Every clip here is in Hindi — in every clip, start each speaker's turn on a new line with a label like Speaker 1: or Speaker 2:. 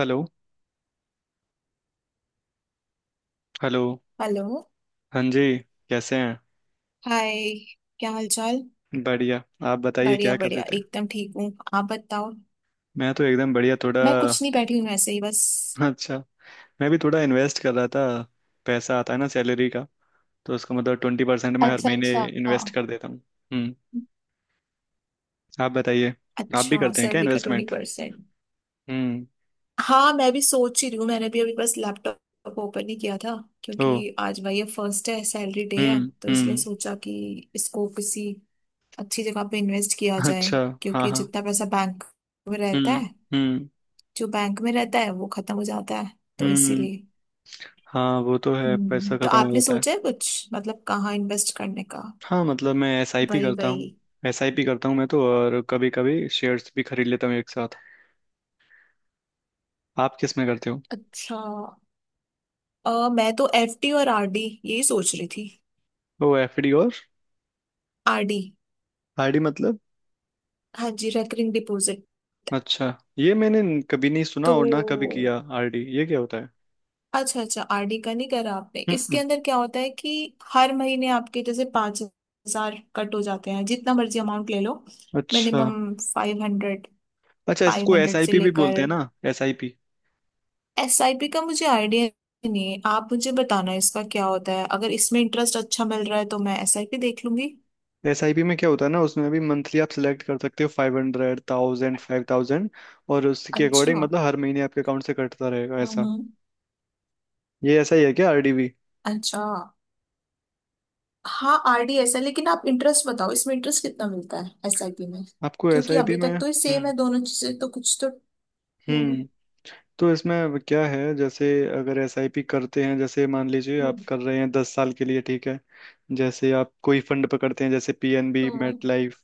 Speaker 1: Hello hello.
Speaker 2: हेलो।
Speaker 1: हाँ जी। कैसे हैं?
Speaker 2: हाय। क्या हाल चाल?
Speaker 1: बढ़िया। आप बताइए
Speaker 2: बढ़िया
Speaker 1: क्या कर रहे
Speaker 2: बढ़िया,
Speaker 1: थे?
Speaker 2: एकदम ठीक हूँ। आप बताओ।
Speaker 1: मैं तो एकदम बढ़िया, थोड़ा
Speaker 2: मैं कुछ नहीं, बैठी हूँ ऐसे ही बस।
Speaker 1: अच्छा। मैं भी थोड़ा इन्वेस्ट कर रहा था। पैसा आता है ना सैलरी का, तो उसका मतलब 20% मैं हर
Speaker 2: अच्छा
Speaker 1: महीने
Speaker 2: अच्छा।
Speaker 1: इन्वेस्ट कर देता हूँ। हम्म। आप बताइए। आप भी
Speaker 2: अच्छा,
Speaker 1: करते हैं क्या
Speaker 2: सैलरी का ट्वेंटी
Speaker 1: इन्वेस्टमेंट?
Speaker 2: परसेंट
Speaker 1: हम्म।
Speaker 2: हाँ, मैं भी सोच ही रही हूँ। मैंने भी अभी बस लैपटॉप ओपन ही किया था।
Speaker 1: ओ।
Speaker 2: क्योंकि आज भाई ये फर्स्ट है, सैलरी डे है,
Speaker 1: हम्म,
Speaker 2: तो इसलिए
Speaker 1: हम्म।
Speaker 2: सोचा कि इसको किसी अच्छी जगह पे इन्वेस्ट किया जाए।
Speaker 1: अच्छा। हाँ,
Speaker 2: क्योंकि
Speaker 1: हाँ।
Speaker 2: जितना पैसा बैंक में रहता
Speaker 1: हम्म,
Speaker 2: है
Speaker 1: हम्म,
Speaker 2: जो बैंक में रहता है वो खत्म हो जाता है, तो
Speaker 1: हम्म।
Speaker 2: इसीलिए।
Speaker 1: हाँ, वो तो है, पैसा
Speaker 2: तो
Speaker 1: खत्म हो
Speaker 2: आपने
Speaker 1: जाता है।
Speaker 2: सोचा है कुछ, मतलब कहाँ इन्वेस्ट करने का?
Speaker 1: हाँ, मतलब मैं एसआईपी
Speaker 2: वही
Speaker 1: करता
Speaker 2: वही।
Speaker 1: हूँ एसआईपी करता हूँ मैं तो, और कभी कभी शेयर्स भी खरीद लेता हूँ एक साथ। आप किस में करते हो?
Speaker 2: अच्छा। मैं तो एफडी और आरडी यही सोच रही थी।
Speaker 1: ओ एफडी और
Speaker 2: आरडी।
Speaker 1: आरडी मतलब?
Speaker 2: हाँ जी, रेकरिंग डिपॉजिट।
Speaker 1: अच्छा। ये मैंने कभी नहीं सुना
Speaker 2: तो
Speaker 1: और ना कभी किया, आरडी ये क्या होता है?
Speaker 2: अच्छा अच्छा, आरडी का नहीं करा आपने।
Speaker 1: हम्म,
Speaker 2: इसके
Speaker 1: हम्म।
Speaker 2: अंदर क्या होता है कि हर महीने आपके जैसे 5,000 कट हो जाते हैं, जितना मर्जी अमाउंट ले लो।
Speaker 1: अच्छा,
Speaker 2: मिनिमम 500।
Speaker 1: अच्छा।
Speaker 2: फाइव
Speaker 1: इसको
Speaker 2: हंड्रेड से
Speaker 1: एसआईपी भी
Speaker 2: लेकर।
Speaker 1: बोलते हैं ना? एसआईपी
Speaker 2: एसआईपी का मुझे आइडिया नहीं है। आप मुझे बताना इसका क्या होता है। अगर इसमें इंटरेस्ट अच्छा मिल रहा है तो मैं एसआईपी देख लूंगी।
Speaker 1: एसआईपी में क्या होता है ना, उसमें भी मंथली आप सिलेक्ट कर सकते हो, five hundred, thousand, five thousand. और उसके अकॉर्डिंग
Speaker 2: अच्छा।
Speaker 1: मतलब हर महीने आपके अकाउंट से कटता रहेगा ऐसा।
Speaker 2: हम्म।
Speaker 1: ये ऐसा ही है क्या आरडी भी?
Speaker 2: अच्छा। हाँ, आरडीएस है, लेकिन आप इंटरेस्ट बताओ, इसमें इंटरेस्ट कितना मिलता है एसआईपी में?
Speaker 1: आपको
Speaker 2: क्योंकि
Speaker 1: एसआईपी
Speaker 2: अभी
Speaker 1: में,
Speaker 2: तक तो ये सेम
Speaker 1: हम्म।
Speaker 2: है दोनों चीजें, तो कुछ तो। हम्म
Speaker 1: हम्म। तो इसमें अब क्या है, जैसे अगर एसआईपी करते हैं, जैसे मान लीजिए आप
Speaker 2: हम्म,
Speaker 1: कर रहे हैं 10 साल के लिए, ठीक है? जैसे आप कोई फंड पकड़ते हैं, जैसे पीएनबी
Speaker 2: हम्म।
Speaker 1: MetLife.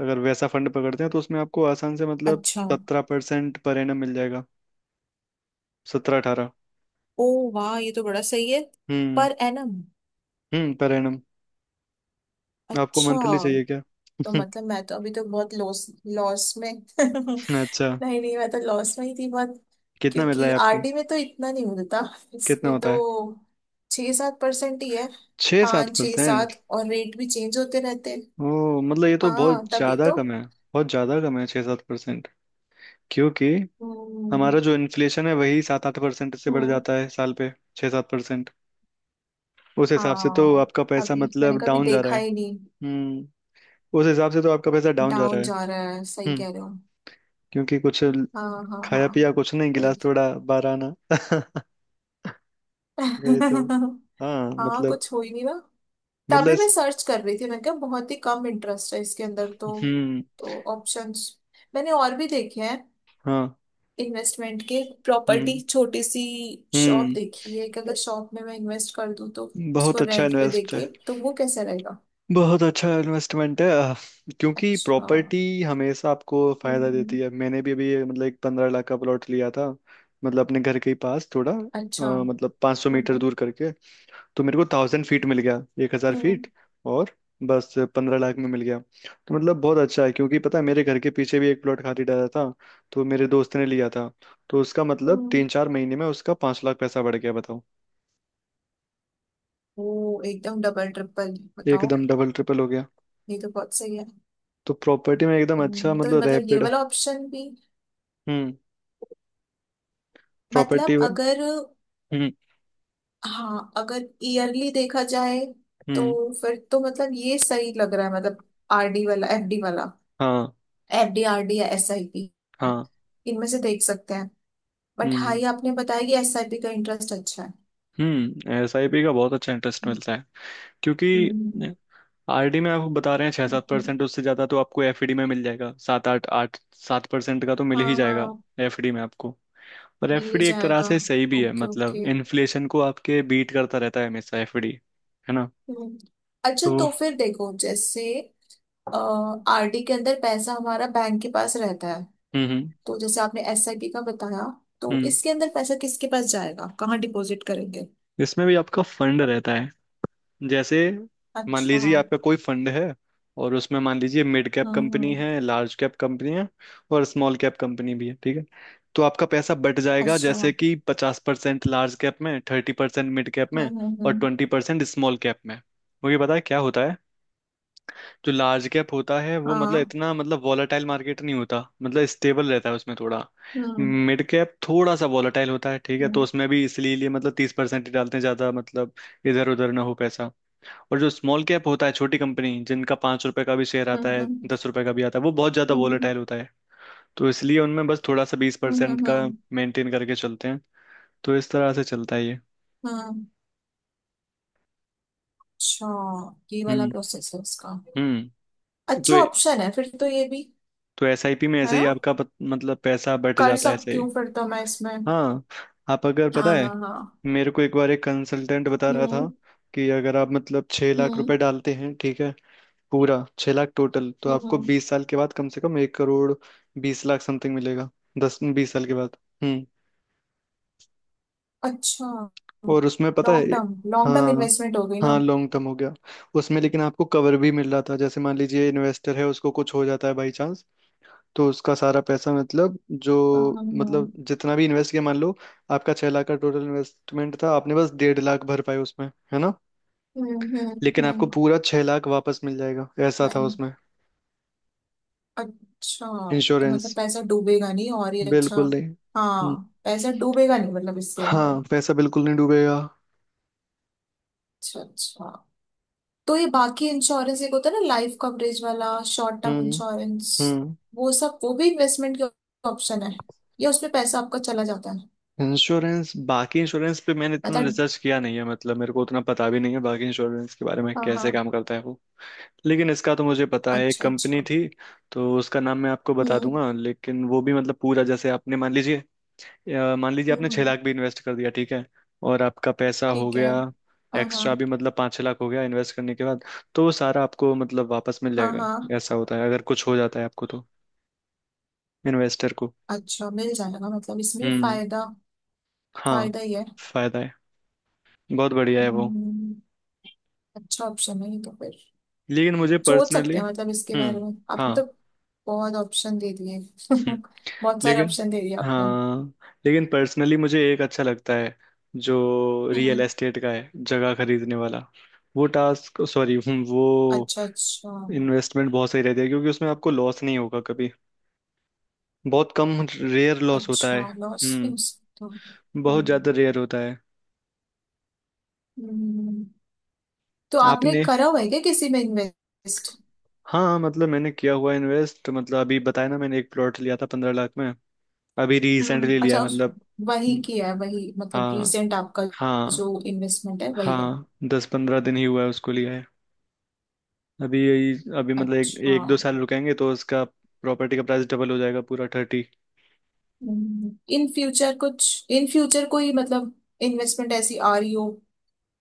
Speaker 1: अगर वैसा फंड पकड़ते हैं तो उसमें आपको आसान से मतलब
Speaker 2: अच्छा।
Speaker 1: 17% पर एनम मिल जाएगा। सत्रह अठारह।
Speaker 2: ओ, वाह, ये तो बड़ा सही है।
Speaker 1: हम्म।
Speaker 2: Per annum.
Speaker 1: हम्म, पर एनम। आपको
Speaker 2: अच्छा,
Speaker 1: मंथली चाहिए क्या?
Speaker 2: तो मतलब मैं तो अभी तो बहुत लॉस, लॉस में। नहीं
Speaker 1: अच्छा।
Speaker 2: नहीं, मैं तो लॉस में ही थी बहुत।
Speaker 1: कितना मिल रहा
Speaker 2: क्योंकि
Speaker 1: है आपको?
Speaker 2: आरडी में तो इतना नहीं मिलता,
Speaker 1: कितना
Speaker 2: इसमें
Speaker 1: होता
Speaker 2: तो।
Speaker 1: है?
Speaker 2: 6-7% ही है।
Speaker 1: छः सात
Speaker 2: पाँच छः
Speaker 1: परसेंट
Speaker 2: सात, और रेट भी चेंज होते रहते हैं।
Speaker 1: ओ मतलब ये तो बहुत
Speaker 2: हाँ, तभी
Speaker 1: ज्यादा
Speaker 2: तो।
Speaker 1: कम है, बहुत ज्यादा कम है 6-7%। क्योंकि
Speaker 2: हम्म
Speaker 1: हमारा जो इन्फ्लेशन है वही 7-8% से बढ़
Speaker 2: हम्म,
Speaker 1: जाता है साल पे। छः सात परसेंट, उस हिसाब से तो
Speaker 2: हाँ
Speaker 1: आपका पैसा
Speaker 2: तभी
Speaker 1: मतलब
Speaker 2: मैंने कभी
Speaker 1: डाउन जा रहा
Speaker 2: देखा
Speaker 1: है।
Speaker 2: ही नहीं।
Speaker 1: हम्म। उस हिसाब से तो आपका पैसा डाउन जा रहा
Speaker 2: डाउन
Speaker 1: है।
Speaker 2: जा रहा है, सही
Speaker 1: हम्म।
Speaker 2: कह रहे हो।
Speaker 1: क्योंकि कुछ
Speaker 2: हाँ हाँ हाँ,
Speaker 1: खाया पिया कुछ नहीं, गिलास
Speaker 2: वही।
Speaker 1: थोड़ा बाहर आना वही तो। हाँ,
Speaker 2: हाँ,
Speaker 1: मतलब।
Speaker 2: कुछ हो ही नहीं ना।
Speaker 1: मतलब
Speaker 2: तभी मैं
Speaker 1: इस,
Speaker 2: सर्च कर रही थी, मैंने कहा बहुत ही कम इंटरेस्ट है इसके अंदर तो।
Speaker 1: हम्म।
Speaker 2: तो ऑप्शंस मैंने और भी देखे हैं
Speaker 1: हाँ,
Speaker 2: इन्वेस्टमेंट के। प्रॉपर्टी,
Speaker 1: हम्म,
Speaker 2: छोटी सी शॉप
Speaker 1: हम्म।
Speaker 2: देखी है कि अगर शॉप में मैं इन्वेस्ट कर दूं तो उसको
Speaker 1: बहुत अच्छा
Speaker 2: रेंट पे
Speaker 1: इन्वेस्ट है
Speaker 2: देके तो वो कैसा रहेगा?
Speaker 1: बहुत अच्छा इन्वेस्टमेंट है, क्योंकि
Speaker 2: अच्छा।
Speaker 1: प्रॉपर्टी हमेशा आपको फायदा देती
Speaker 2: हम्म।
Speaker 1: है। मैंने भी अभी मतलब एक 15 लाख का प्लॉट लिया था, मतलब अपने घर के ही पास थोड़ा,
Speaker 2: अच्छा।
Speaker 1: मतलब 500 मीटर
Speaker 2: हम्म
Speaker 1: दूर करके। तो मेरे को 1,000 फीट मिल गया, एक हजार
Speaker 2: हम्म
Speaker 1: फीट और बस 15 लाख में मिल गया। तो मतलब बहुत अच्छा है, क्योंकि पता है मेरे घर के पीछे भी एक प्लॉट खाली डाला था, तो मेरे दोस्त ने लिया था, तो उसका मतलब
Speaker 2: हम्म।
Speaker 1: 3-4 महीने में उसका 5 लाख पैसा बढ़ गया, बताओ।
Speaker 2: वो एकदम डबल ट्रिपल, बताओ।
Speaker 1: एकदम डबल ट्रिपल हो गया।
Speaker 2: ये तो बहुत सही है।
Speaker 1: तो प्रॉपर्टी में एकदम अच्छा,
Speaker 2: तो
Speaker 1: मतलब
Speaker 2: मतलब ये
Speaker 1: रैपिड
Speaker 2: वाला ऑप्शन भी,
Speaker 1: प्रॉपर्टी।
Speaker 2: मतलब
Speaker 1: हम्म,
Speaker 2: अगर, हाँ अगर ईयरली देखा जाए
Speaker 1: हम्म।
Speaker 2: तो फिर तो मतलब ये सही लग रहा है, मतलब आरडी वाला, एफडी वाला,
Speaker 1: हाँ,
Speaker 2: एफडी आरडी या एसआईपी,
Speaker 1: हाँ।
Speaker 2: इनमें से देख सकते हैं। बट हाँ,
Speaker 1: हम्म,
Speaker 2: ये आपने बताया कि एसआईपी का इंटरेस्ट अच्छा है।
Speaker 1: हम्म, एसआईपी का बहुत अच्छा इंटरेस्ट मिलता है। क्योंकि
Speaker 2: हम्म,
Speaker 1: आरडी में आपको बता रहे हैं छः सात
Speaker 2: हम्म।
Speaker 1: परसेंट उससे ज़्यादा तो आपको एफडी में मिल जाएगा, सात आठ, आठ सात परसेंट का तो मिल
Speaker 2: हाँ
Speaker 1: ही जाएगा
Speaker 2: हाँ,
Speaker 1: एफडी में आपको। और
Speaker 2: मिल ही
Speaker 1: एफडी एक तरह
Speaker 2: जाएगा।
Speaker 1: से सही भी है,
Speaker 2: ओके
Speaker 1: मतलब
Speaker 2: ओके।
Speaker 1: इन्फ्लेशन को आपके बीट करता रहता है हमेशा एफडी, है ना?
Speaker 2: हम्म। अच्छा,
Speaker 1: तो
Speaker 2: तो फिर देखो, जैसे आरडी के अंदर पैसा हमारा बैंक के पास रहता है,
Speaker 1: हम्म, हम्म,
Speaker 2: तो जैसे आपने एसआईपी का बताया, तो
Speaker 1: हम्म।
Speaker 2: इसके अंदर पैसा किसके पास जाएगा? कहाँ डिपॉजिट करेंगे?
Speaker 1: इसमें भी आपका फंड रहता है। जैसे मान
Speaker 2: अच्छा।
Speaker 1: लीजिए आपका कोई फंड है, और उसमें मान लीजिए मिड कैप
Speaker 2: हम्म
Speaker 1: कंपनी
Speaker 2: हम्म,
Speaker 1: है, लार्ज कैप कंपनी है, और स्मॉल कैप कंपनी भी है, ठीक है? तो आपका पैसा बट जाएगा,
Speaker 2: अच्छा।
Speaker 1: जैसे कि 50% लार्ज कैप में, 30% मिड कैप में,
Speaker 2: हम्म
Speaker 1: और
Speaker 2: हम्म,
Speaker 1: 20% स्मॉल कैप में। मुझे पता है क्या होता है। जो लार्ज कैप होता है वो मतलब
Speaker 2: हाँ।
Speaker 1: इतना मतलब वॉलेटाइल मार्केट नहीं होता, मतलब स्टेबल रहता है उसमें थोड़ा।
Speaker 2: हम्म
Speaker 1: मिड कैप थोड़ा सा वॉलेटाइल होता है, ठीक है? तो
Speaker 2: हम्म
Speaker 1: उसमें भी इसलिए लिए मतलब 30% ही डालते हैं, ज़्यादा मतलब इधर उधर ना हो पैसा। और जो स्मॉल कैप होता है, छोटी कंपनी जिनका 5 रुपए का भी शेयर आता
Speaker 2: हम्म
Speaker 1: है,
Speaker 2: हम्म
Speaker 1: 10 रुपए का भी आता है, वो बहुत ज़्यादा
Speaker 2: हम्म
Speaker 1: वोलेटाइल होता है। तो इसलिए उनमें बस थोड़ा सा बीस
Speaker 2: हम्म
Speaker 1: परसेंट
Speaker 2: हम्म
Speaker 1: का
Speaker 2: हम्म,
Speaker 1: मेंटेन करके चलते हैं। तो इस तरह से चलता है ये।
Speaker 2: हम्म, अच्छा, ये वाला
Speaker 1: हम्म,
Speaker 2: प्रोसेस है उसका।
Speaker 1: हम्म। तो
Speaker 2: अच्छा ऑप्शन है फिर तो ये भी,
Speaker 1: तो एसआईपी में
Speaker 2: है
Speaker 1: ऐसे ही
Speaker 2: ना?
Speaker 1: आपका मतलब पैसा बट
Speaker 2: कर
Speaker 1: जाता है ऐसे
Speaker 2: सकती
Speaker 1: ही।
Speaker 2: हूँ फिर तो मैं इसमें।
Speaker 1: हाँ। आप अगर पता
Speaker 2: हाँ
Speaker 1: है,
Speaker 2: हाँ हाँ।
Speaker 1: मेरे को एक बार एक कंसल्टेंट बता रहा था
Speaker 2: हम्म
Speaker 1: कि अगर आप मतलब छह लाख
Speaker 2: हम्म
Speaker 1: रुपए डालते हैं, ठीक है, पूरा 6 लाख टोटल, तो
Speaker 2: हम्म
Speaker 1: आपको
Speaker 2: हम्म।
Speaker 1: 20 साल के बाद कम से कम 1 करोड़ 20 लाख समथिंग मिलेगा, 10-20 साल के बाद। हम्म।
Speaker 2: अच्छा,
Speaker 1: और उसमें पता है,
Speaker 2: लॉन्ग टर्म
Speaker 1: हाँ,
Speaker 2: इन्वेस्टमेंट हो गई ना।
Speaker 1: हाँ, लॉन्ग टर्म हो गया। उसमें लेकिन आपको कवर भी मिल रहा था, जैसे मान लीजिए इन्वेस्टर है, उसको कुछ हो जाता है बाई चांस, तो उसका सारा पैसा मतलब
Speaker 2: हाँ
Speaker 1: जो
Speaker 2: हाँ, हाँ।
Speaker 1: मतलब जितना भी इन्वेस्ट किया, मान लो आपका 6 लाख का टोटल इन्वेस्टमेंट था, आपने बस डेढ़ लाख भर पाए उसमें, है ना? लेकिन आपको
Speaker 2: हम्म।
Speaker 1: पूरा 6 लाख वापस मिल जाएगा, ऐसा था
Speaker 2: वही।
Speaker 1: उसमें,
Speaker 2: अच्छा, तो
Speaker 1: इंश्योरेंस।
Speaker 2: मतलब पैसा डूबेगा नहीं, और ये अच्छा।
Speaker 1: बिल्कुल नहीं। हम्म।
Speaker 2: हाँ, पैसा डूबेगा नहीं मतलब इसके अंदर।
Speaker 1: हाँ, पैसा बिल्कुल नहीं डूबेगा।
Speaker 2: अच्छा अच्छा, तो ये बाकी इंश्योरेंस एक होता है ना, लाइफ कवरेज वाला, शॉर्ट टर्म
Speaker 1: हम्म,
Speaker 2: इंश्योरेंस,
Speaker 1: हम्म,
Speaker 2: वो सब वो भी इन्वेस्टमेंट के ऑप्शन है, या उसमें पैसा आपका चला जाता है?
Speaker 1: इंश्योरेंस। बाकी इंश्योरेंस पे मैंने इतना
Speaker 2: पता।
Speaker 1: रिसर्च किया नहीं है, मतलब मेरे को उतना पता भी नहीं है बाकी इंश्योरेंस के बारे में
Speaker 2: हाँ
Speaker 1: कैसे
Speaker 2: हाँ।
Speaker 1: काम करता है वो। लेकिन इसका तो मुझे पता है, एक
Speaker 2: अच्छा
Speaker 1: कंपनी
Speaker 2: अच्छा।
Speaker 1: थी, तो उसका नाम मैं आपको बता
Speaker 2: हम्म
Speaker 1: दूंगा। लेकिन वो भी मतलब पूरा, जैसे आपने मान लीजिए, मान लीजिए
Speaker 2: हम्म
Speaker 1: आपने छह
Speaker 2: हम्म,
Speaker 1: लाख भी इन्वेस्ट कर दिया, ठीक है, और आपका पैसा हो
Speaker 2: ठीक
Speaker 1: गया
Speaker 2: है। हाँ हाँ
Speaker 1: एक्स्ट्रा भी मतलब 5-6 लाख हो गया इन्वेस्ट करने के बाद, तो वो सारा आपको मतलब वापस मिल
Speaker 2: हाँ
Speaker 1: जाएगा।
Speaker 2: हाँ।
Speaker 1: ऐसा होता है अगर कुछ हो जाता है आपको तो, इन्वेस्टर को।
Speaker 2: अच्छा, मिल जाएगा मतलब इसमें भी
Speaker 1: हम्म।
Speaker 2: फायदा,
Speaker 1: हाँ,
Speaker 2: फायदा ही है।
Speaker 1: फायदा है, बहुत बढ़िया है वो।
Speaker 2: हम्म, अच्छा ऑप्शन है ये तो फिर,
Speaker 1: लेकिन मुझे
Speaker 2: सोच
Speaker 1: पर्सनली
Speaker 2: सकते हैं मतलब इसके बारे
Speaker 1: हम्म,
Speaker 2: में।
Speaker 1: हाँ,
Speaker 2: आपने तो बहुत ऑप्शन दे दिए,
Speaker 1: हम्म,
Speaker 2: बहुत सारे
Speaker 1: लेकिन,
Speaker 2: ऑप्शन दे दिए आपने।
Speaker 1: हाँ, लेकिन पर्सनली मुझे एक अच्छा लगता है, जो रियल
Speaker 2: हम्म।
Speaker 1: एस्टेट का है, जगह खरीदने वाला। वो टास्क सॉरी, वो
Speaker 2: अच्छा अच्छा
Speaker 1: इन्वेस्टमेंट बहुत सही रहती है, क्योंकि उसमें आपको लॉस नहीं होगा कभी, बहुत कम, रेयर लॉस होता
Speaker 2: अच्छा,
Speaker 1: है।
Speaker 2: लॉस में
Speaker 1: हम्म।
Speaker 2: हो सकता
Speaker 1: बहुत
Speaker 2: हूँ।
Speaker 1: ज्यादा रेयर होता है।
Speaker 2: हम्म, तो आपने
Speaker 1: आपने?
Speaker 2: करा हुआ है क्या किसी में इन्वेस्ट?
Speaker 1: हाँ मतलब मैंने किया हुआ इन्वेस्ट, मतलब अभी बताया ना मैंने एक प्लॉट लिया था 15 लाख में, अभी
Speaker 2: हम्म,
Speaker 1: रिसेंटली लिया
Speaker 2: अच्छा।
Speaker 1: है,
Speaker 2: उस
Speaker 1: मतलब
Speaker 2: वही
Speaker 1: न-
Speaker 2: किया है वही, मतलब
Speaker 1: हाँ,
Speaker 2: रिसेंट आपका
Speaker 1: हाँ,
Speaker 2: जो इन्वेस्टमेंट है वही है।
Speaker 1: हाँ। 10-15 दिन ही हुआ है उसको लिया है, अभी यही, अभी मतलब
Speaker 2: अच्छा।
Speaker 1: 1-2 साल रुकेंगे तो उसका प्रॉपर्टी का प्राइस डबल हो जाएगा पूरा, थर्टी।
Speaker 2: इन फ्यूचर कोई, मतलब इन्वेस्टमेंट ऐसी आ रही हो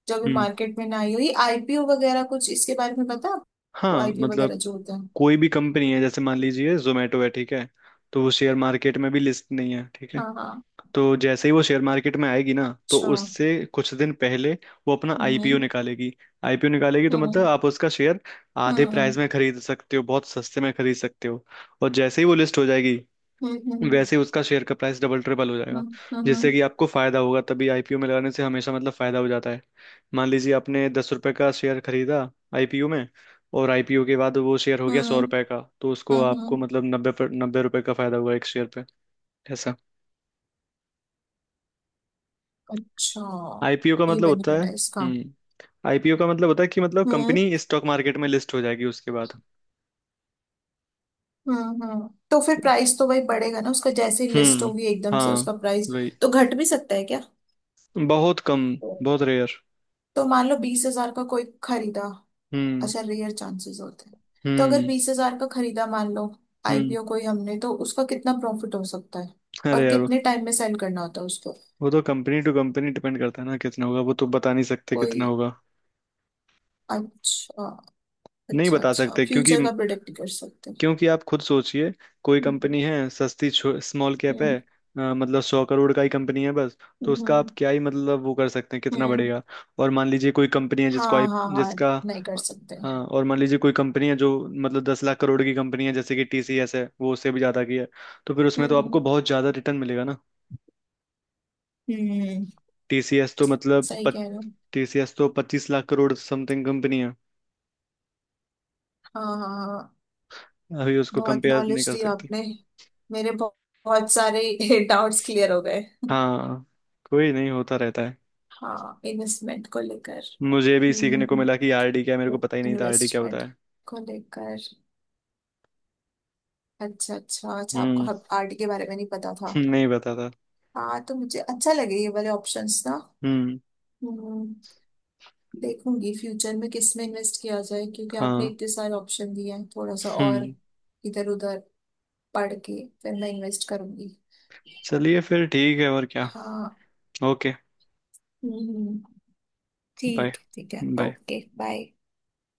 Speaker 2: जो अभी
Speaker 1: हम्म।
Speaker 2: मार्केट में ना आई हो, ये आईपीओ वगैरह कुछ इसके बारे में पता है आपको?
Speaker 1: हाँ
Speaker 2: आईपीओ
Speaker 1: मतलब
Speaker 2: वगैरह जो होता है।
Speaker 1: कोई भी कंपनी है, जैसे मान लीजिए जोमेटो है, ठीक है, तो वो शेयर मार्केट में भी लिस्ट नहीं है, ठीक है?
Speaker 2: हाँ हाँ।
Speaker 1: तो जैसे ही वो शेयर मार्केट में आएगी ना, तो
Speaker 2: अच्छा।
Speaker 1: उससे कुछ दिन पहले वो अपना आईपीओ
Speaker 2: हम्म
Speaker 1: निकालेगी। आईपीओ निकालेगी तो
Speaker 2: हम्म
Speaker 1: मतलब आप उसका शेयर
Speaker 2: हम्म
Speaker 1: आधे
Speaker 2: हम्म
Speaker 1: प्राइस में खरीद सकते हो, बहुत सस्ते में खरीद सकते हो। और जैसे ही वो लिस्ट हो जाएगी,
Speaker 2: हम्म हम्म
Speaker 1: वैसे ही उसका शेयर का प्राइस डबल ट्रिपल हो जाएगा,
Speaker 2: हम्म,
Speaker 1: जिससे
Speaker 2: हम्म,
Speaker 1: कि आपको फायदा होगा। तभी आईपीओ में लगाने से हमेशा मतलब फायदा हो जाता है। मान लीजिए आपने 10 रुपए का शेयर खरीदा आईपीओ में, और आईपीओ के बाद वो शेयर हो गया
Speaker 2: हम्म
Speaker 1: 100 रुपए का, तो उसको
Speaker 2: हम्म
Speaker 1: आपको
Speaker 2: हम्म,
Speaker 1: मतलब नब्बे पर, 90 रुपए का फायदा हुआ एक शेयर पे, ऐसा।
Speaker 2: अच्छा,
Speaker 1: आईपीओ का
Speaker 2: ये
Speaker 1: मतलब होता है,
Speaker 2: बेनिफिट है इसका।
Speaker 1: हम्म, आईपीओ का मतलब होता है कि मतलब
Speaker 2: हम्म
Speaker 1: कंपनी स्टॉक मार्केट में लिस्ट हो जाएगी उसके बाद।
Speaker 2: हम्म, तो फिर प्राइस तो वही बढ़ेगा ना उसका जैसे ही लिस्ट
Speaker 1: हम्म।
Speaker 2: होगी एकदम से
Speaker 1: हाँ,
Speaker 2: उसका प्राइस।
Speaker 1: वही।
Speaker 2: तो घट भी सकता है क्या?
Speaker 1: बहुत कम, बहुत रेयर।
Speaker 2: तो मान लो 20,000 का कोई खरीदा।
Speaker 1: हम्म,
Speaker 2: अच्छा, रेयर चांसेस होते हैं। तो अगर
Speaker 1: हम्म,
Speaker 2: 20,000 का खरीदा मान लो,
Speaker 1: हम्म।
Speaker 2: आईपीओ कोई हमने, तो उसका कितना प्रॉफिट हो सकता है?
Speaker 1: अरे
Speaker 2: और
Speaker 1: यार,
Speaker 2: कितने टाइम में सेल करना होता है उसको?
Speaker 1: वो तो कंपनी टू कंपनी डिपेंड करता है ना कितना होगा, वो तो बता नहीं सकते कितना
Speaker 2: कोई।
Speaker 1: होगा।
Speaker 2: अच्छा
Speaker 1: नहीं
Speaker 2: अच्छा
Speaker 1: बता
Speaker 2: अच्छा,
Speaker 1: सकते, क्योंकि
Speaker 2: फ्यूचर का प्रोडिक्ट कर सकते हैं।
Speaker 1: क्योंकि आप खुद सोचिए, कोई
Speaker 2: हम्म
Speaker 1: कंपनी है सस्ती, स्मॉल कैप है,
Speaker 2: हम्म
Speaker 1: मतलब 100 करोड़ का ही कंपनी है बस, तो उसका आप
Speaker 2: हम्म
Speaker 1: क्या ही मतलब वो कर सकते हैं कितना
Speaker 2: हम्म।
Speaker 1: बढ़ेगा। और मान लीजिए कोई कंपनी है जिसको
Speaker 2: हाँ
Speaker 1: आप,
Speaker 2: हाँ हाँ,
Speaker 1: जिसका,
Speaker 2: नहीं कर सकते।
Speaker 1: हाँ, और मान लीजिए कोई कंपनी है जो मतलब 10 लाख करोड़ की कंपनी है, जैसे कि टीसीएस है, वो उससे भी ज़्यादा की है, तो फिर उसमें तो आपको
Speaker 2: हम्म
Speaker 1: बहुत ज़्यादा रिटर्न मिलेगा ना।
Speaker 2: हम्म हम्म,
Speaker 1: टीसीएस तो मतलब
Speaker 2: सही कह रहे हो।
Speaker 1: टीसीएस तो 25 लाख करोड़ समथिंग कंपनी है,
Speaker 2: हाँ हाँ हाँ,
Speaker 1: अभी उसको
Speaker 2: बहुत
Speaker 1: कंपेयर नहीं
Speaker 2: नॉलेज
Speaker 1: कर
Speaker 2: दी
Speaker 1: सकते।
Speaker 2: आपने। मेरे बहुत, बहुत सारे डाउट्स क्लियर हो गए।
Speaker 1: हाँ, कोई नहीं, होता रहता है।
Speaker 2: हाँ,
Speaker 1: मुझे भी
Speaker 2: हम्म
Speaker 1: सीखने को मिला कि आरडी क्या है, मेरे को पता ही नहीं था आरडी क्या होता
Speaker 2: इन्वेस्टमेंट
Speaker 1: है।
Speaker 2: को लेकर, अच्छा अच्छा अच्छा, आपको
Speaker 1: हम्म
Speaker 2: हब आर्ट के बारे में नहीं पता था।
Speaker 1: नहीं पता था।
Speaker 2: हाँ, तो मुझे अच्छा लगे ये वाले ऑप्शंस ना।
Speaker 1: हम्म।
Speaker 2: हम्म, देखूंगी फ्यूचर में किस में इन्वेस्ट किया जाए क्योंकि आपने
Speaker 1: हाँ,
Speaker 2: इतने सारे ऑप्शन दिए हैं। थोड़ा सा और
Speaker 1: हम्म।
Speaker 2: इधर उधर पढ़ के फिर मैं इन्वेस्ट करूंगी।
Speaker 1: चलिए फिर ठीक है और क्या?
Speaker 2: हाँ।
Speaker 1: ओके,
Speaker 2: हम्म,
Speaker 1: बाय।
Speaker 2: ठीक है ठीक है,
Speaker 1: बाय।
Speaker 2: ओके। बाय।